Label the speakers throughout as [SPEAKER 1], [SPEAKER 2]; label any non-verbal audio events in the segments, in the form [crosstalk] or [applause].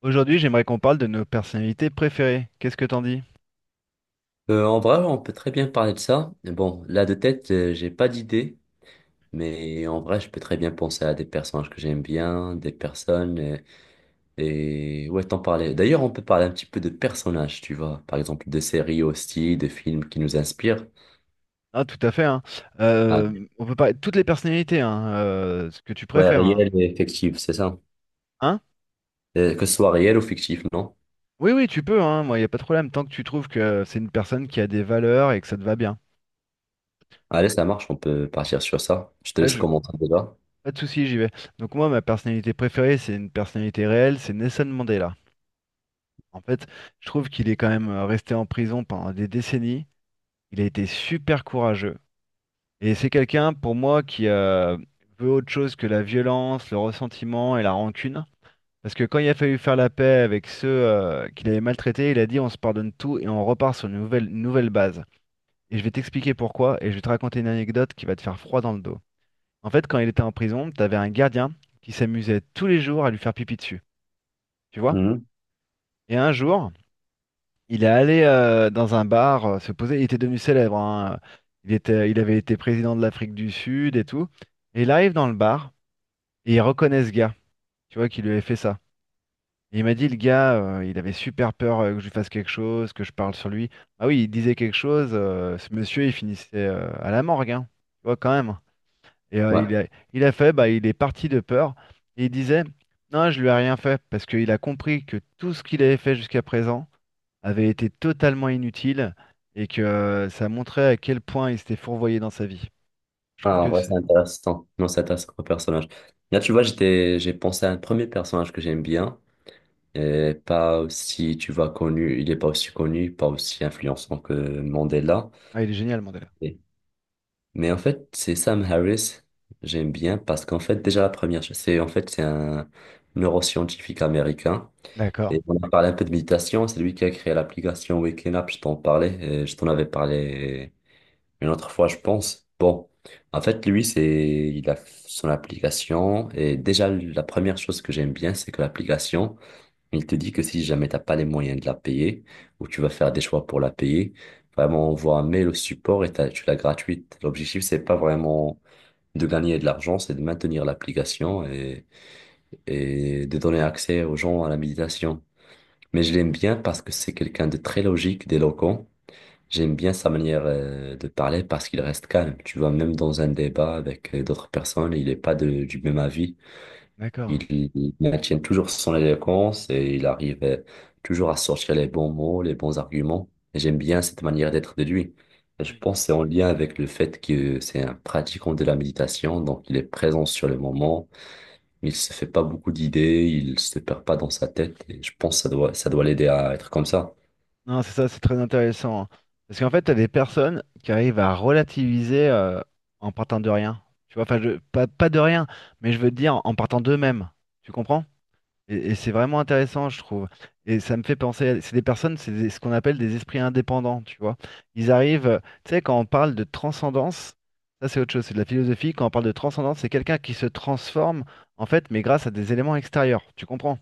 [SPEAKER 1] Aujourd'hui, j'aimerais qu'on parle de nos personnalités préférées. Qu'est-ce que t'en dis?
[SPEAKER 2] En vrai, on peut très bien parler de ça. Mais bon, là de tête, j'ai pas d'idée, mais en vrai, je peux très bien penser à des personnages que j'aime bien, des personnes, et ouais, t'en parler. D'ailleurs, on peut parler un petit peu de personnages, tu vois, par exemple, de séries aussi, de films qui nous inspirent.
[SPEAKER 1] Ah, tout à fait, hein.
[SPEAKER 2] Ah,
[SPEAKER 1] On peut parler de toutes les personnalités, hein, ce que tu
[SPEAKER 2] ouais,
[SPEAKER 1] préfères, hein.
[SPEAKER 2] réel et fictif, c'est ça.
[SPEAKER 1] Hein?
[SPEAKER 2] Que ce soit réel ou fictif, non?
[SPEAKER 1] Oui, oui, tu peux, hein. Moi, il n'y a pas de problème, tant que tu trouves que c'est une personne qui a des valeurs et que ça te va bien.
[SPEAKER 2] Allez, ça marche, on peut partir sur ça. Je te
[SPEAKER 1] Pas,
[SPEAKER 2] laisse
[SPEAKER 1] je-
[SPEAKER 2] commenter déjà.
[SPEAKER 1] pas de souci, j'y vais. Donc moi, ma personnalité préférée, c'est une personnalité réelle, c'est Nelson Mandela. En fait, je trouve qu'il est quand même resté en prison pendant des décennies. Il a été super courageux. Et c'est quelqu'un, pour moi, qui veut autre chose que la violence, le ressentiment et la rancune. Parce que quand il a fallu faire la paix avec ceux qu'il avait maltraités, il a dit on se pardonne tout et on repart sur une nouvelle base. Et je vais t'expliquer pourquoi et je vais te raconter une anecdote qui va te faire froid dans le dos. En fait, quand il était en prison, t'avais un gardien qui s'amusait tous les jours à lui faire pipi dessus, tu vois?
[SPEAKER 2] Mhm.
[SPEAKER 1] Et un jour, il est allé dans un bar se poser. Il était devenu célèbre, hein. Il avait été président de l'Afrique du Sud et tout. Et il arrive dans le bar. Et il reconnaît ce gars, tu vois, qui lui avait fait ça. Et il m'a dit, le gars, il avait super peur que je lui fasse quelque chose, que je parle sur lui. Ah oui, il disait quelque chose, ce monsieur, il finissait à la morgue, hein, tu vois, quand même. Et euh,
[SPEAKER 2] Ouais.
[SPEAKER 1] il a, il a fait, bah, il est parti de peur. Et il disait, non, je lui ai rien fait, parce qu'il a compris que tout ce qu'il avait fait jusqu'à présent avait été totalement inutile et que ça montrait à quel point il s'était fourvoyé dans sa vie. Je trouve
[SPEAKER 2] Ah, en
[SPEAKER 1] que
[SPEAKER 2] vrai, c'est
[SPEAKER 1] c'est.
[SPEAKER 2] intéressant. Non, c'est intéressant comme personnage. Là, tu vois, j'ai pensé à un premier personnage que j'aime bien, et pas aussi, tu vois, connu. Il est pas aussi connu, pas aussi influençant que Mandela.
[SPEAKER 1] Ah, il est génial, Mandela.
[SPEAKER 2] Et- Mais en fait, c'est Sam Harris. J'aime bien parce qu'en fait, déjà la première chose, c'est en fait, c'est un neuroscientifique américain.
[SPEAKER 1] D'accord,
[SPEAKER 2] Et on a parlé un peu de méditation. C'est lui qui a créé l'application Waking Up. Je t'en parlais, et je t'en avais parlé une autre fois, je pense. Bon, en fait, lui, c'est, il a son application et déjà, la première chose que j'aime bien, c'est que l'application, il te dit que si jamais t'as pas les moyens de la payer ou tu vas faire des choix pour la payer, vraiment, on voit un mail au support et tu l'as gratuite. L'objectif, c'est pas vraiment de gagner de l'argent, c'est de maintenir l'application et de donner accès aux gens à la méditation. Mais je l'aime bien parce que c'est quelqu'un de très logique, d'éloquent. J'aime bien sa manière de parler parce qu'il reste calme. Tu vois, même dans un débat avec d'autres personnes, il n'est pas de- du même avis.
[SPEAKER 1] d'accord.
[SPEAKER 2] Il maintient toujours son éloquence et il arrive toujours à sortir les bons mots, les bons arguments. Et j'aime bien cette manière d'être de lui. Et je pense que c'est en lien avec le fait que c'est un pratiquant de la méditation, donc il est présent sur le moment. Il se fait pas beaucoup d'idées, il se perd pas dans sa tête. Et je pense que ça doit l'aider à être comme ça.
[SPEAKER 1] Non, c'est ça, c'est très intéressant, hein. Parce qu'en fait, t'as des personnes qui arrivent à relativiser en partant de rien. Tu vois, enfin, pas de rien, mais je veux te dire en partant d'eux-mêmes. Tu comprends? Et c'est vraiment intéressant, je trouve. Et ça me fait penser, c'est des personnes, ce qu'on appelle des esprits indépendants, tu vois. Ils arrivent, tu sais, quand on parle de transcendance, ça c'est autre chose, c'est de la philosophie. Quand on parle de transcendance, c'est quelqu'un qui se transforme, en fait, mais grâce à des éléments extérieurs. Tu comprends?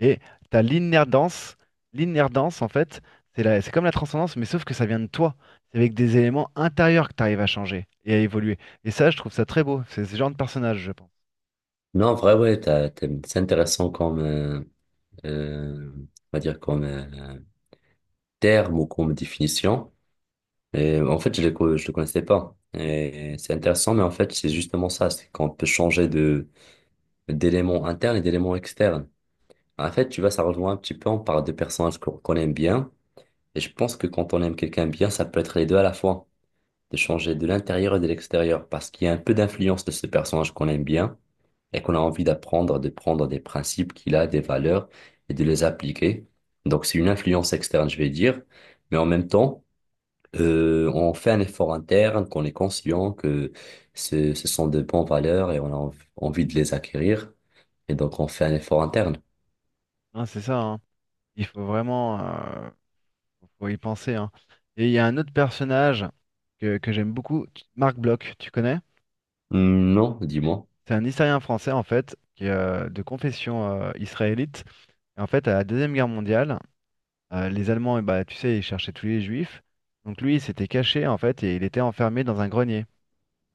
[SPEAKER 1] Et t'as l'inerdance. L'inerdance, en fait, c'est comme la transcendance, mais sauf que ça vient de toi. C'est avec des éléments intérieurs que tu arrives à changer et à évoluer. Et ça, je trouve ça très beau. C'est ce genre de personnage, je pense.
[SPEAKER 2] Non, en vrai, ouais, c'est intéressant comme, on va dire comme terme ou comme définition. Et en fait, je le connaissais pas. Et c'est intéressant, mais en fait, c'est justement ça, c'est qu'on peut changer de d'éléments internes et d'éléments externes. En fait, tu vois, ça rejoint un petit peu, on parle de personnages qu'on aime bien. Et je pense que quand on aime quelqu'un bien, ça peut être les deux à la fois. De changer de l'intérieur et de l'extérieur, parce qu'il y a un peu d'influence de ce personnage qu'on aime bien et qu'on a envie d'apprendre, de prendre des principes qu'il a, des valeurs, et de les appliquer. Donc c'est une influence externe, je vais dire, mais en même temps, on fait un effort interne, qu'on est conscient que ce sont de bonnes valeurs et on a envie de les acquérir, et donc on fait un effort interne.
[SPEAKER 1] Hein, c'est ça, hein. Il faut vraiment faut y penser, hein. Et il y a un autre personnage que j'aime beaucoup, Marc Bloch, tu connais?
[SPEAKER 2] Hmm, non, dis-moi.
[SPEAKER 1] C'est un historien français, en fait, qui est de confession israélite. Et en fait, à la Deuxième Guerre mondiale, les Allemands, eh bah, tu sais, ils cherchaient tous les Juifs. Donc lui, il s'était caché, en fait, et il était enfermé dans un grenier,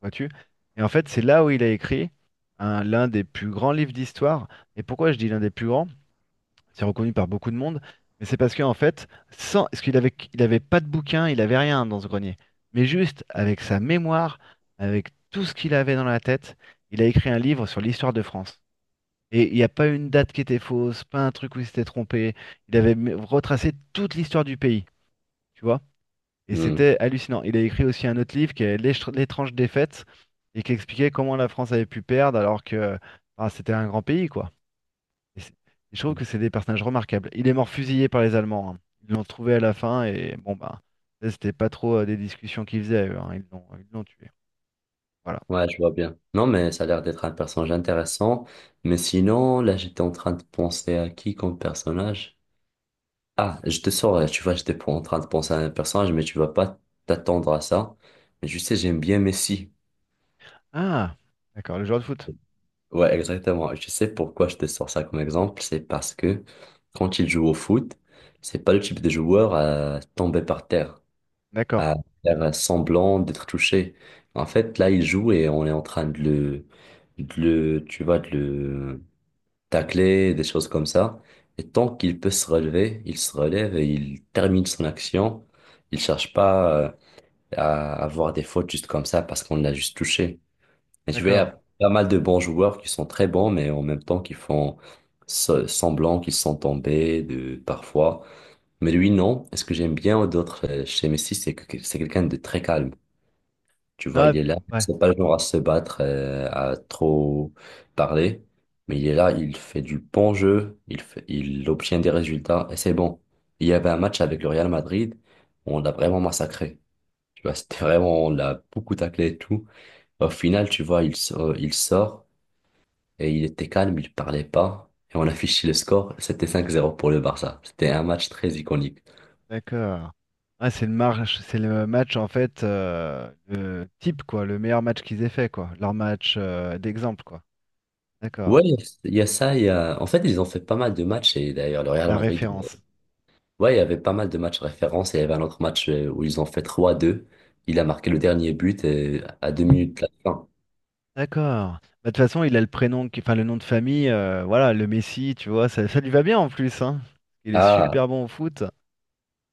[SPEAKER 1] vois-tu? Et en fait, c'est là où il a écrit l'un des plus grands livres d'histoire. Et pourquoi je dis l'un des plus grands? C'est reconnu par beaucoup de monde. Mais c'est parce qu'en fait, sans, parce qu'il avait pas de bouquin, il avait rien dans ce grenier. Mais juste avec sa mémoire, avec tout ce qu'il avait dans la tête, il a écrit un livre sur l'histoire de France. Et il n'y a pas une date qui était fausse, pas un truc où il s'était trompé. Il avait retracé toute l'histoire du pays, tu vois. Et c'était hallucinant. Il a écrit aussi un autre livre qui est L'étrange défaite et qui expliquait comment la France avait pu perdre alors que ah, c'était un grand pays, quoi. Et c'est- et je trouve
[SPEAKER 2] Hmm.
[SPEAKER 1] que c'est des personnages remarquables. Il est mort fusillé par les Allemands, hein. Ils l'ont trouvé à la fin et bon, bah, là, c'était pas trop des discussions qu'ils faisaient, eux, hein. Ils l'ont tué. Voilà.
[SPEAKER 2] Ouais, je vois bien. Non, mais ça a l'air d'être un personnage intéressant. Mais sinon, là, j'étais en train de penser à qui comme personnage? Ah, je te sors, tu vois, j'étais pas en train de penser à un personnage, mais tu vas pas t'attendre à ça. Mais tu sais, j'aime bien Messi.
[SPEAKER 1] Ah, d'accord, le joueur de foot.
[SPEAKER 2] Ouais, exactement. Je sais pourquoi je te sors ça comme exemple. C'est parce que quand il joue au foot, c'est pas le type de joueur à tomber par terre,
[SPEAKER 1] D'accord,
[SPEAKER 2] à faire semblant d'être touché. En fait, là, il joue et on est en train de le tacler, des choses comme ça. Et tant qu'il peut se relever, il se relève et il termine son action. Il cherche pas à avoir des fautes juste comme ça parce qu'on l'a juste touché. Et tu vois, il y
[SPEAKER 1] d'accord.
[SPEAKER 2] a pas mal de bons joueurs qui sont très bons, mais en même temps qui font semblant qu'ils sont tombés de, parfois. Mais lui, non. Et ce que j'aime bien d'autres chez Messi, c'est que c'est quelqu'un de très calme. Tu vois,
[SPEAKER 1] Non, et
[SPEAKER 2] il est là.
[SPEAKER 1] ouais.
[SPEAKER 2] C'est pas le genre à se battre, à trop parler, mais il est là, il fait du bon jeu, il obtient des résultats et c'est bon. Il y avait un match avec le Real Madrid, on l'a vraiment massacré. Tu vois, [laughs] c'était vraiment, on l'a beaucoup taclé et tout. Au final, tu vois, il sort et il était calme, il parlait pas et on [laughs] affichait le score. C'était 5-0 pour le Barça. C'était un match très iconique.
[SPEAKER 1] D'accord. Ah, c'est le match en fait le type quoi, le meilleur match qu'ils aient fait quoi, leur match d'exemple quoi. D'accord.
[SPEAKER 2] Ouais, il y a ça, il y a... En fait, ils ont fait pas mal de matchs et d'ailleurs, le Real
[SPEAKER 1] La
[SPEAKER 2] Madrid.
[SPEAKER 1] référence.
[SPEAKER 2] Ouais, il y avait pas mal de matchs références. Il y avait un autre match où ils ont fait trois deux. Il a marqué le dernier but à deux minutes de la fin.
[SPEAKER 1] D'accord. Bah, de toute façon, il a le prénom, enfin le nom de famille, voilà, le Messi, tu vois, ça lui va bien en plus, hein. Il est
[SPEAKER 2] Ah,
[SPEAKER 1] super bon au foot.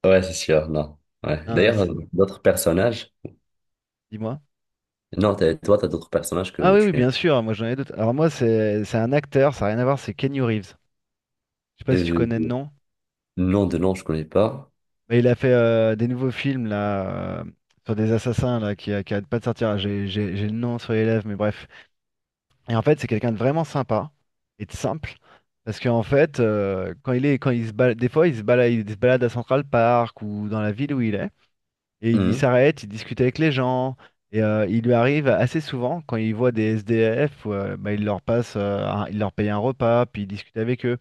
[SPEAKER 2] ouais, c'est sûr, non. Ouais.
[SPEAKER 1] Hein,
[SPEAKER 2] D'ailleurs, d'autres personnages.
[SPEAKER 1] dis-moi.
[SPEAKER 2] Non, toi, t'as d'autres personnages
[SPEAKER 1] Ah
[SPEAKER 2] que
[SPEAKER 1] oui, oui,
[SPEAKER 2] tu aimes.
[SPEAKER 1] bien sûr, moi j'en ai d'autres. Alors moi, c'est un acteur, ça n'a rien à voir, c'est Kenny Reeves. Je sais pas si tu
[SPEAKER 2] Euh,
[SPEAKER 1] connais le nom.
[SPEAKER 2] Nom de nom, je connais pas.
[SPEAKER 1] Mais il a fait des nouveaux films là sur des assassins là qui arrêtent pas de sortir. J'ai le nom sur les lèvres, mais bref. Et en fait, c'est quelqu'un de vraiment sympa et de simple. Parce qu'en fait, quand quand il se balade, des fois, il se balade à Central Park ou dans la ville où il est, et il
[SPEAKER 2] Hum.
[SPEAKER 1] s'arrête, il discute avec les gens, et il lui arrive assez souvent quand il voit des SDF, ou, bah, il leur paye un repas, puis il discute avec eux.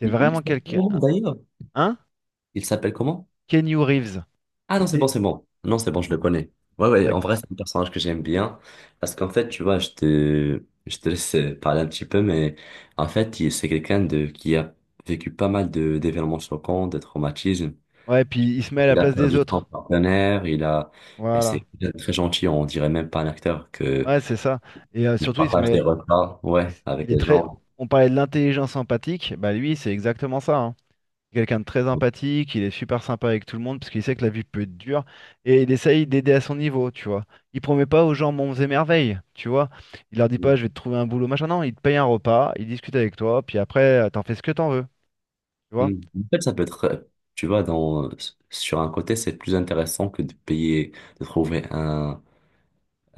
[SPEAKER 1] C'est
[SPEAKER 2] Il
[SPEAKER 1] vraiment
[SPEAKER 2] s'appelle
[SPEAKER 1] quelqu'un,
[SPEAKER 2] comment d'ailleurs?
[SPEAKER 1] hein?
[SPEAKER 2] Il s'appelle comment?
[SPEAKER 1] Keanu Reeves.
[SPEAKER 2] Ah non, c'est bon,
[SPEAKER 1] C'est-
[SPEAKER 2] c'est bon. Non, c'est bon, je le connais. Ouais, ouais, en
[SPEAKER 1] like,
[SPEAKER 2] vrai, c'est un personnage que j'aime bien. Parce qu'en fait, tu vois, je te laisse parler un petit peu, mais en fait, c'est quelqu'un de, qui a vécu pas mal d'événements choquants, de traumatismes.
[SPEAKER 1] Ouais, puis il se met à la
[SPEAKER 2] Il a
[SPEAKER 1] place des
[SPEAKER 2] perdu son
[SPEAKER 1] autres.
[SPEAKER 2] partenaire, et c'est
[SPEAKER 1] Voilà.
[SPEAKER 2] quelqu'un de très gentil, on dirait même pas un acteur que
[SPEAKER 1] Ouais, c'est ça. Et
[SPEAKER 2] il
[SPEAKER 1] surtout, il se
[SPEAKER 2] partage des
[SPEAKER 1] met.
[SPEAKER 2] repas,
[SPEAKER 1] Il,
[SPEAKER 2] ouais,
[SPEAKER 1] s-
[SPEAKER 2] avec
[SPEAKER 1] il est
[SPEAKER 2] les
[SPEAKER 1] très.
[SPEAKER 2] gens.
[SPEAKER 1] On parlait de l'intelligence empathique. Bah lui, c'est exactement ça, hein. C'est quelqu'un de très empathique. Il est super sympa avec tout le monde parce qu'il sait que la vie peut être dure. Et il essaye d'aider à son niveau, tu vois. Il promet pas aux gens monts et merveilles, tu vois. Il leur dit pas,
[SPEAKER 2] Mm.
[SPEAKER 1] je vais te trouver un boulot, machin. Non, il te paye un repas. Il discute avec toi. Puis après, t'en fais ce que t'en veux. Tu
[SPEAKER 2] Mm.
[SPEAKER 1] vois.
[SPEAKER 2] En fait, ça peut être, tu vois, dans, sur un côté, c'est plus intéressant que de payer, de trouver un,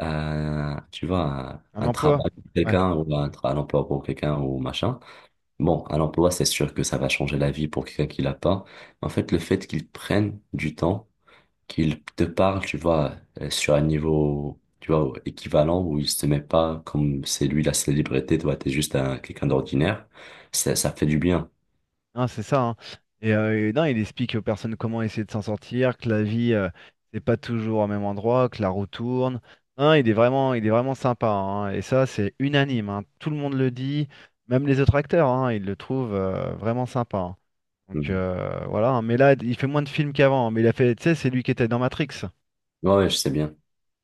[SPEAKER 2] tu vois,
[SPEAKER 1] Un
[SPEAKER 2] un mhm
[SPEAKER 1] emploi.
[SPEAKER 2] travail pour
[SPEAKER 1] Ouais.
[SPEAKER 2] quelqu'un ou un emploi pour quelqu'un ou machin. Bon, un emploi, c'est sûr que ça va changer la vie pour quelqu'un qui l'a pas. En fait, le fait qu'ils prennent du temps, qu'ils te parlent tu vois, sur un niveau, tu vois, équivalent où ils se met pas comme c'est lui la célébrité, toi, t'es juste un, quelqu'un d'ordinaire, ça fait du bien.
[SPEAKER 1] Hein, c'est ça, hein. Et non, il explique aux personnes comment essayer de s'en sortir, que la vie, c'est pas toujours au même endroit, que la roue tourne. Hein, il est vraiment sympa, hein. Et ça, c'est unanime, hein. Tout le monde le dit, même les autres acteurs, hein, ils le trouvent vraiment sympa, hein. Donc
[SPEAKER 2] Mhm.
[SPEAKER 1] voilà, hein. Mais là, il fait moins de films qu'avant, hein. Mais il a fait, tu sais, c'est lui qui était dans Matrix.
[SPEAKER 2] Ouais, ouais, je sais bien.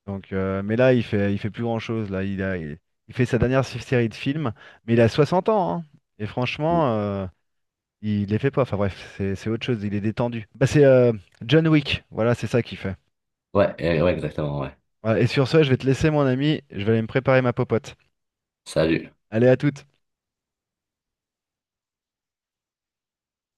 [SPEAKER 1] Mais là, il fait, plus grand-chose. Là, il fait sa dernière série de films, mais il a 60 ans, hein. Et franchement, il les fait pas, enfin bref, c'est autre chose, il est détendu. Bah c'est John Wick, voilà, c'est ça qu'il fait.
[SPEAKER 2] Ouais, ouais, exactement, ouais.
[SPEAKER 1] Voilà, et sur ce, je vais te laisser mon ami, je vais aller me préparer ma popote.
[SPEAKER 2] Salut.
[SPEAKER 1] Allez à toutes.